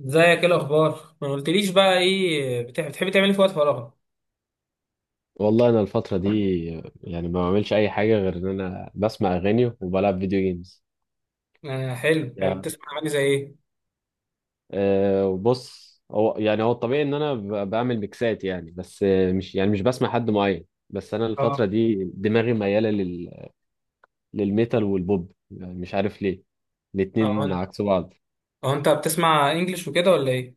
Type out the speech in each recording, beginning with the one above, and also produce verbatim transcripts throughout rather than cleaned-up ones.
ازيك، ايه الاخبار؟ ما قلتليش بقى ايه بتح- بتحبي تعملي في وقت فراغك؟ والله انا الفتره دي، يعني ما بعملش اي حاجه غير ان انا بسمع اغاني وبلعب فيديو جيمز. آه حلو حلو. يعني بتسمع اغاني زي ايه؟ أه وبص، هو يعني هو الطبيعي ان انا ب- بعمل ميكسات، يعني بس، آه، مش يعني مش بسمع حد معين، بس انا اه الفتره دي دماغي مياله لل... للميتال والبوب، يعني مش عارف ليه، اه الاتنين انت عكس بعض. اه انت بتسمع انجلش وكده ولا ايه؟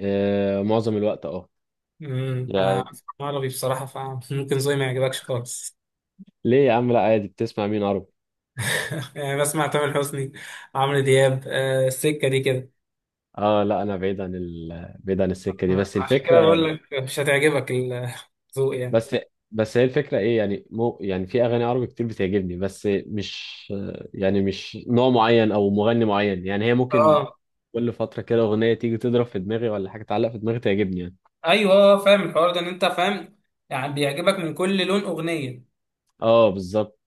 أه، معظم الوقت، اه. امم انا يعني، بسمع عربي بصراحه، فممكن زي ما يعجبكش خالص. ليه يا عم؟ لا عادي. بتسمع مين عربي؟ يعني بسمع تامر حسني، عمرو دياب. آه، السكه دي كده. اه لا، انا بعيد عن ال... بعيد عن السكه دي، آه، بس عشان كده الفكره. بقول لك مش هتعجبك الذوق يعني. بس بس هي الفكرة ايه؟ يعني مو، يعني في اغاني عربي كتير بتعجبني بس مش، يعني مش نوع معين او مغني معين، يعني هي ممكن اه كل فترة كده اغنية تيجي تضرب في دماغي، ولا حاجة تعلق في دماغي تعجبني يعني. ايوه، فاهم الحوار ده، ان انت فاهم يعني، بيعجبك من كل لون اغنيه. اه بالظبط.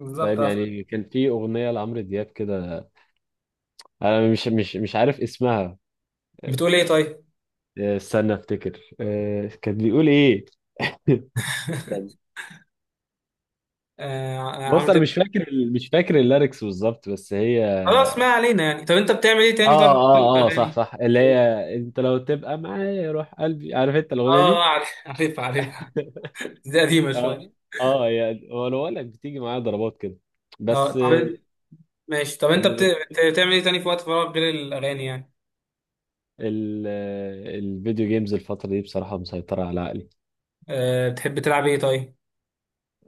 بالظبط. فاهم يعني، كان في اغنية لعمرو دياب كده، انا مش مش مش عارف اسمها. بتقول ايه طيب؟ آه، استنى افتكر. آه، كان بيقول ايه؟ استنى. آه، عمرو بص انا دياب. مش فاكر ال- مش فاكر الليركس بالظبط، بس هي، خلاص ما علينا يعني. طب انت بتعمل ايه تاني، اه، طب في اه، اه، صح، الاغاني؟ صح، اللي هي، اه. انت لو تبقى معايا روح قلبي، عارف انت الاغنيه آه، دي؟ عارف عارفها عارفها. دي قديمه اه، شويه. اه، يعني هو انا بقول لك بتيجي معايا ضربات كده، اه. بس. طب انت- ماشي. طب انت بت... اللي بت... بت- بتعمل ايه تاني في وقت فراغك غير الاغاني يعني؟ ال... الفيديو جيمز الفتره دي بصراحه مسيطره على عقلي. أه بتحب تلعب ايه طيب؟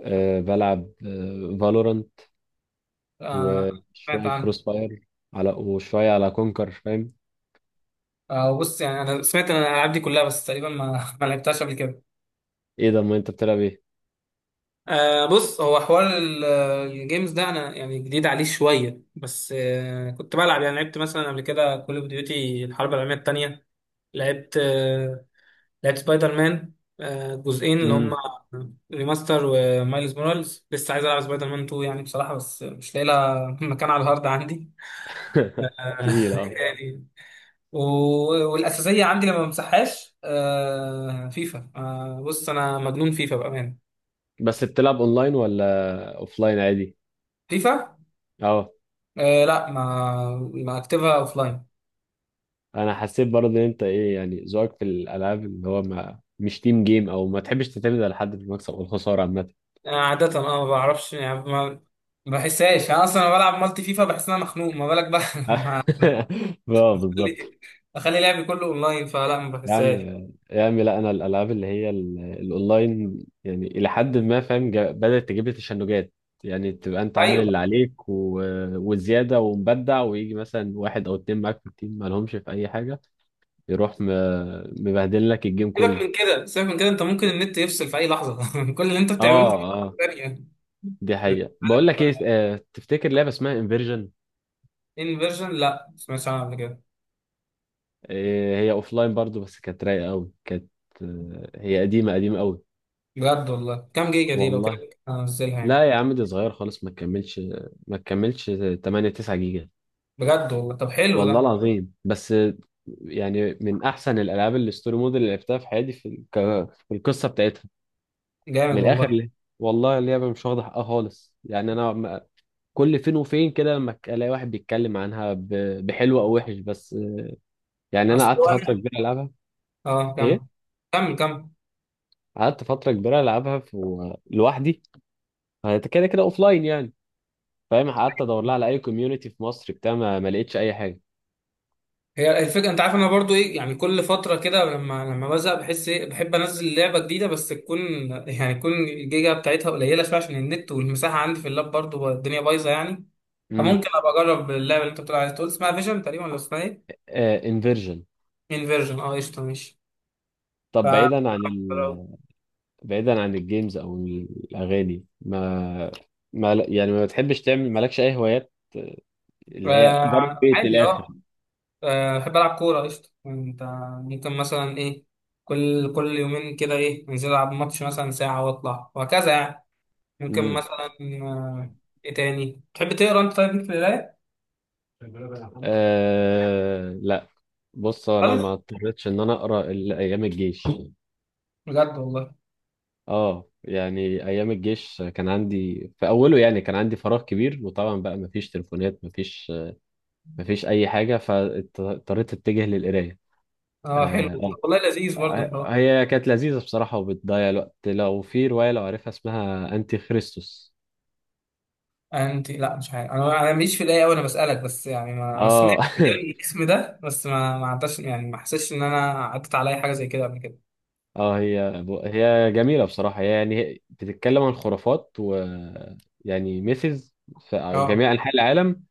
أه، بلعب فالورانت، آه. سمعت وشويه عنه. كروس فاير، على وشويه على كونكر، فاهم. آه بص، يعني انا سمعت عن الالعاب دي كلها، بس تقريبا ما ما لعبتهاش قبل كده. ايه ده؟ ما انت بتلعب ايه؟ آه بص، هو حوار ال- الجيمز ده انا يعني جديد عليه شويه، بس آه كنت بلعب. يعني لعبت مثلا قبل كده كول اوف ديوتي الحرب العالميه الثانيه. لعبت آه، لعبت سبايدر مان. آه، جزئين، اللي هم امم. ريماستر ومايلز مورالز. لسه عايز العب سبايدر مان تو يعني بصراحه، بس مش لاقي لها مكان على الهارد عندي. آه، تقيله اه. يعني. و- والاساسيه عندي لما بمسحهاش آه، فيفا. آه، بص انا مجنون فيفا بامانه. بس بتلعب اونلاين ولا اوفلاين عادي؟ فيفا. اه. آه، لا، ما ما اكتبها اوف لاين. انا حسيت برضه ان انت ايه، يعني ذوقك في الالعاب اللي هو ما مش تيم جيم، او ما تحبش تعتمد على حد في المكسب والخساره عامه. عاده اه ما بعرفش يعني، ما ما بحسهاش انا اصلا لما بلعب مالتي فيفا بحس ان انا مخنوق، ما بالك بقى لما اه بالظبط. اخلي أخلي لعبي كله اونلاين، فلا ما يا عم، بحسهاش. يا عم، لا انا الالعاب اللي هي ال- الاونلاين، يعني الى حد ما فاهم، جا- بدات تجيب لي تشنجات. يعني تبقى انت عامل ايوه. اللي عليك و... وزياده ومبدع، ويجي مثلا واحد او اتنين معاك في التيم ما لهمش في اي حاجه، يروح م... مبهدل لك الجيم سيبك كله. من كده، سيبك من كده، انت ممكن النت يفصل في اي لحظه كل اللي انت بتعمله اه، في أي لحظه اه، ثانيه. دي حقيقه. بقول لك ايه، آه، تفتكر لعبه اسمها انفيرجن؟ انفيرجن لا، ما سمعتش عنها قبل كده. إيه، هي لاين برضو، بس كانت رايقه قوي. كانت، آه، هي قديمه قديمه قوي. بجد والله؟ كام جيجا دي لو كده والله. هنزلها يعني؟ لا يا عم، دي صغيره خالص، ما تكملش، ما تكملش. تمانية تسعة جيجا. بجد والله؟ طب حلو والله ده. العظيم، بس آه، يعني من احسن الالعاب الستوري مود اللي لعبتها في حياتي، في الك... في القصه بتاعتها. من جامد الاخر، والله. ليه. والله اللعبه مش واخده حقها خالص يعني انا م-، كل فين وفين كده لما ك- الاقي واحد بيتكلم عنها ب... بحلو او وحش، بس آه، يعني انا اصل قعدت فتره أنا- كبيره العبها. اه ايه؟ كمل كمل. قعدت فتره كبيره العبها في... لوحدي. انت كده كده اوف لاين يعني. فاهم، قعدت ادور لها على اي كوميونتي في مصر بتاع، ما, ما لقيتش اي حاجه. هي الفكره، انت عارف انا برضو ايه يعني، كل فتره كده لما لما بزهق بحس ايه، بحب انزل لعبه جديده بس تكون يعني تكون الجيجا بتاعتها قليله شويه، عشان النت والمساحه عندي في اللاب برضو الدنيا بايظه يعني. امم. فممكن ابقى اجرب اللعبه اللي انت بتقول عليها، تقول اسمها فيجن تقريبا ولا اسمها ايه؟ انفيرجن. انفيرجن، اه قشطه ماشي. ف طب بعيدا عن ال... بعيدا عن الجيمز او الاغاني، ما ما ل- يعني ما بتحبش تعمل، مالكش اي هوايات، آه، اللي هي بره آه، البيت من عادي الاخر. اه. آه، بحب العب كوره، قشطه. انت ممكن مثلا ايه، كل كل يومين كده ايه انزل العب ماتش مثلا ساعه واطلع وهكذا يعني. ممكن امم. مثلا. آه، ايه تاني تحب؟ تقرا انت طيب في القرايه؟ آه... لا. بص انا خالص؟ ما اضطريتش ان انا اقرا الا ايام الجيش. بجد والله؟ اه، يعني ايام الجيش كان عندي في اوله، يعني كان عندي فراغ كبير، وطبعا بقى ما فيش تليفونات، ما فيش مفيش اي حاجه، فاضطريت اتجه للقرايه. اه حلو. آه. والله لذيذ برضه الحوار. آه، هي كانت لذيذه بصراحه، وبتضيع الوقت، لو في روايه لو عارفها اسمها انتي خريستوس. انت؟ لا مش عارف، انا انا ماليش في القرايه قوي. انا بسالك بس يعني، ما انا سمعت اه. يعني الاسم ده بس، ما ما عداش يعني، ما حسيتش ان انا عدت عليا حاجه زي كده قبل كده. اه، هي هي جميله بصراحه، هي يعني بتتكلم عن خرافات، و يعني ميثز في اه. جميع انحاء العالم،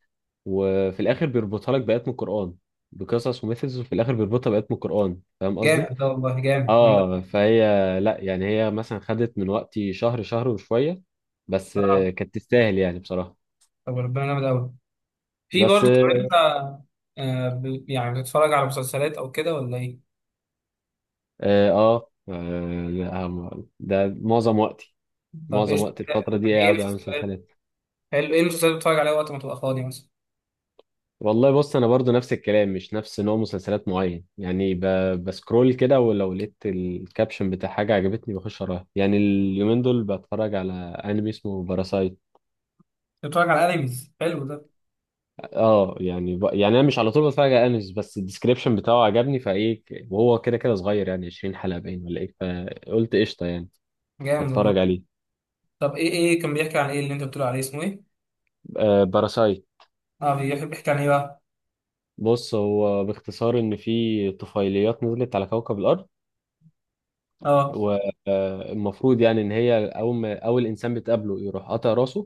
وفي الاخر بيربطها لك بايات من القران. بقصص وميثز، وفي الاخر بيربطها بايات من القران، فاهم قصدي. جامد ده والله، جامد جامد أوي. اه فهي، لا يعني هي مثلا خدت من وقتي شهر شهر وشوية، بس آه، آه، كانت تستاهل يعني بصراحة. طب ربنا جامد قوي. في بس برضه، طب اه. انت آه، ب- يعني بتتفرج على مسلسلات او كده ولا ايه؟ آه، آه، لا، ده معظم وقتي. طب معظم ايش وقت الفترة دي يعني، ايه قاعد على مسلسلات؟ مسلسلات. حلو، ايه المسلسلات اللي بتتفرج عليها وقت ما تبقى فاضي مثلا؟ والله بص، انا برضو نفس الكلام، مش نفس نوع مسلسلات معين، يعني ب... بسكرول كده، ولو لقيت الكابشن بتاع حاجة عجبتني بخش اراها، يعني اليومين دول بتفرج على انمي اسمه باراسايت. بتتفرج على انميز، حلو ده. اه يعني ب...، يعني انا مش على طول بتفرج على انميز، بس الديسكريبشن بتاعه عجبني، فايه ك- وهو كده كده صغير، يعني عشرين حلقه حلقة باين ولا ايه، فقلت قشطة يعني. جامد والله. هتفرج عليه. طب ايه، ايه كان بيحكي عن ايه اللي انت بتقول عليه، اسمه ايه؟ آه، باراسايت. اه بيحب يحكي عن ايه بقى؟ بص هو باختصار، ان في طفيليات نزلت على كوكب الارض، اه. والمفروض يعني ان هي اول ما اول انسان بتقابله يروح قاطع راسه.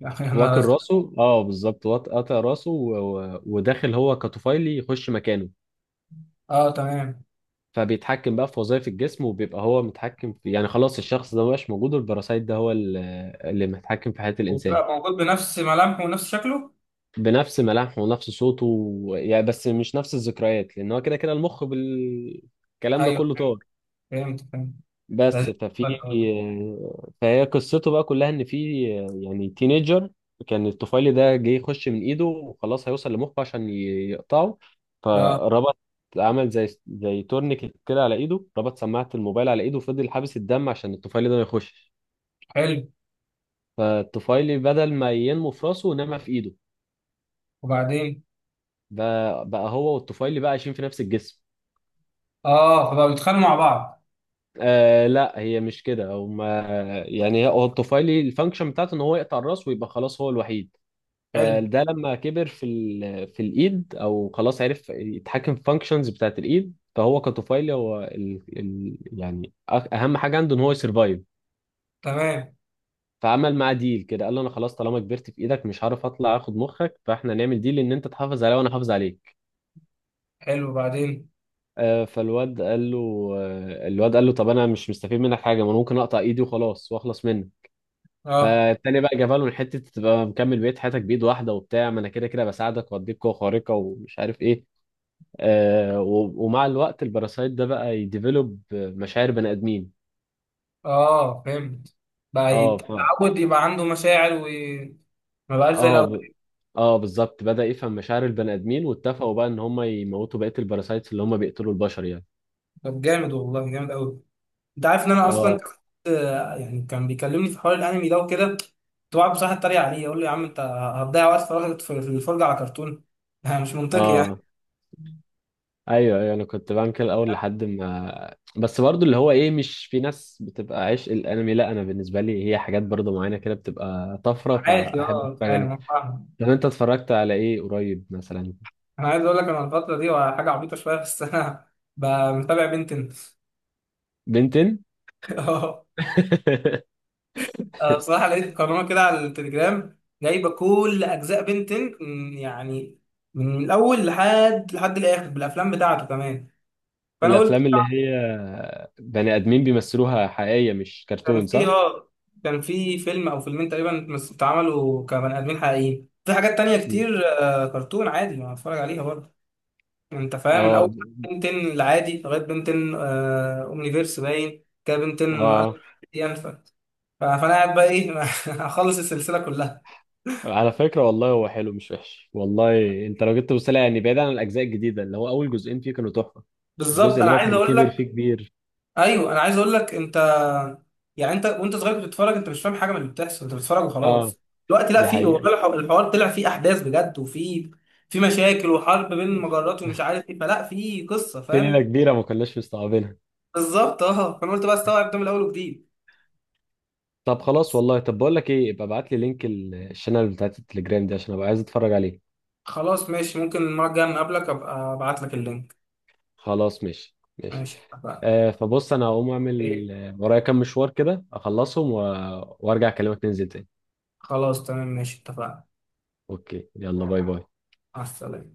يا اخي انا واكل رزق. راسه، اه بالظبط، وات- قاطع راسه و... و- وداخل هو كطفيلي يخش مكانه. اه تمام. فبيتحكم بقى في وظائف الجسم، وبيبقى هو متحكم في، يعني خلاص الشخص ده مبقاش موجود، والباراسايت ده هو ال- اللي متحكم في حياة الإنسان. وبقى موجود بنفس ملامحه ونفس شكله؟ بنفس ملامحه ونفس صوته و-، يعني بس مش نفس الذكريات، لأن هو كده كده المخ بالكلام ده ايوه كله طار. فهمت فهمت. لذيذ. بس ففي، فهي قصته بقى كلها ان في، يعني تينيجر، كان الطفيلي ده جه يخش من ايده، وخلاص هيوصل لمخه عشان ي- يقطعه، اه فربط، عمل زي زي تورنيكت كده على ايده، ربط سماعة الموبايل على ايده وفضل حابس الدم، عشان الطفيلي ده ما يخشش. حلو، فالطفيلي بدل ما ينمو في راسه، نما في ايده. وبعدين؟ بقى, بقى هو والطفيلي بقى عايشين في نفس الجسم. اه، فبقوا يتخانقوا مع بعض؟ آه لا، هي مش كده، هما يعني هو الطفيلي الفانكشن بتاعته ان هو يقطع الراس، ويبقى خلاص هو الوحيد. حلو فده لما كبر في ال... في الايد، او خلاص عرف يتحكم في فانكشنز بتاعت الايد، فهو كطفيلي هو ال... ال... يعني أ- اهم حاجه عنده ان هو يسرفايف. تمام. فعمل معاه ديل كده، قال له انا خلاص طالما كبرت في ايدك مش هعرف اطلع اخد مخك، فاحنا نعمل ديل ان انت تحافظ عليا وانا احافظ عليك. حلو، وبعدين؟ آه، فالواد قال له، آه، الواد قال له طب انا مش مستفيد منك حاجه، ما انا ممكن اقطع ايدي وخلاص واخلص منك. اه. فالتاني بقى جابها له من حته تبقى مكمل بقيه حياتك بايد واحده، وبتاع ما انا كده كده بساعدك واديك قوه خارقه ومش عارف ايه. آه، و- ومع الوقت الباراسايت ده بقى يديفلوب مشاعر بني ادمين. اه فهمت، بقى اه ف، يتعود يبقى عنده مشاعر وما بقاش زي اه الاول؟ ب...، اه بالظبط، بدأ يفهم مشاعر البني ادمين، واتفقوا بقى ان هم يموتوا بقية الباراسايتس اللي هم بيقتلوا البشر يعني. طب جامد والله، جامد قوي. انت عارف ان انا اه، اصلا كنت يعني، كان بيكلمني في حوار الانمي ده وكده، كنت بقعد بصراحه اتريق عليه يقول لي يا عم انت هتضيع وقت فراغك في في الفرجه على كرتون مش منطقي يعني. اه، ايوه، ايوه، انا كنت بعمل كده الاول لحد ما، بس برضو اللي هو ايه، مش في ناس بتبقى عشق الانمي، لا انا بالنسبه لي هي حاجات برضو معينه كده بتبقى طفره، عادي فاحب اه اتفرج فاهم. عليها. أنا فاهم. طب انت اتفرجت على ايه قريب مثلا؟ أنا عايز اقول لك، انا الفتره دي حاجه عبيطه شويه، بس انا ب- متابع بنتن بنتين. اه. أنا بصراحه لقيت قناه كده على التليجرام جايبه كل اجزاء بنتن، يعني من الاول لحد لحد الاخر بالافلام بتاعته كمان. فانا قلت، الافلام اللي هي بني ادمين بيمثلوها حقيقيه مش كان كرتون، في صح؟ اه كان في فيلم او فيلمين تقريبا مس- اتعملوا كبني ادمين حقيقيين. في حاجات تانية مم. كتير آه، كرتون عادي ما اتفرج عليها برضه. انت فاهم، من اه، اول بنتين العادي لغايه بنتين آه، اومنيفيرس، باين كده بنتين ألف اه، ينفع. ف- فانا قاعد بقى ايه اخلص السلسله كلها. على فكره والله هو حلو مش وحش، والله انت لو جيت تبص لها، يعني بعيد عن الاجزاء الجديده، اللي هو اول جزئين فيه كانوا تحفه. الجزء بالظبط اللي انا هو عايز كان اقول كبر لك. فيه كبير. ايوه انا عايز اقول لك انت يعني، انت وانت صغير كنت بتتفرج، انت مش فاهم حاجه من اللي بتحصل، انت بتتفرج اه وخلاص. دلوقتي لا، دي في حقيقه. والله الح- الحوار طلع فيه احداث بجد، وفي في مشاكل وحرب بين المجرات ومش عارف ايه، فلا في قصه، في ليله فاهم. كبيره ما كناش مستوعبينها. بالظبط. اه فانا قلت بقى استوعب ده من الاول وجديد. طب خلاص بس والله، طب بقول لك ايه، ابقى ابعت لي لينك ال- الشانل بتاعت التليجرام دي، عشان ابقى عايز اتفرج عليه. خلاص ماشي، ممكن المره الجايه لما اقابلك ابقى ابعت لك اللينك. خلاص ماشي، ماشي. ماشي اتفقنا. آه فبص، انا هقوم اعمل، ايه؟ آه، ورايا كام مشوار كده اخلصهم و... وارجع اكلمك ننزل تاني. خلاص تمام ماشي اتفقنا. اوكي، يلا باي باي. مع السلامه.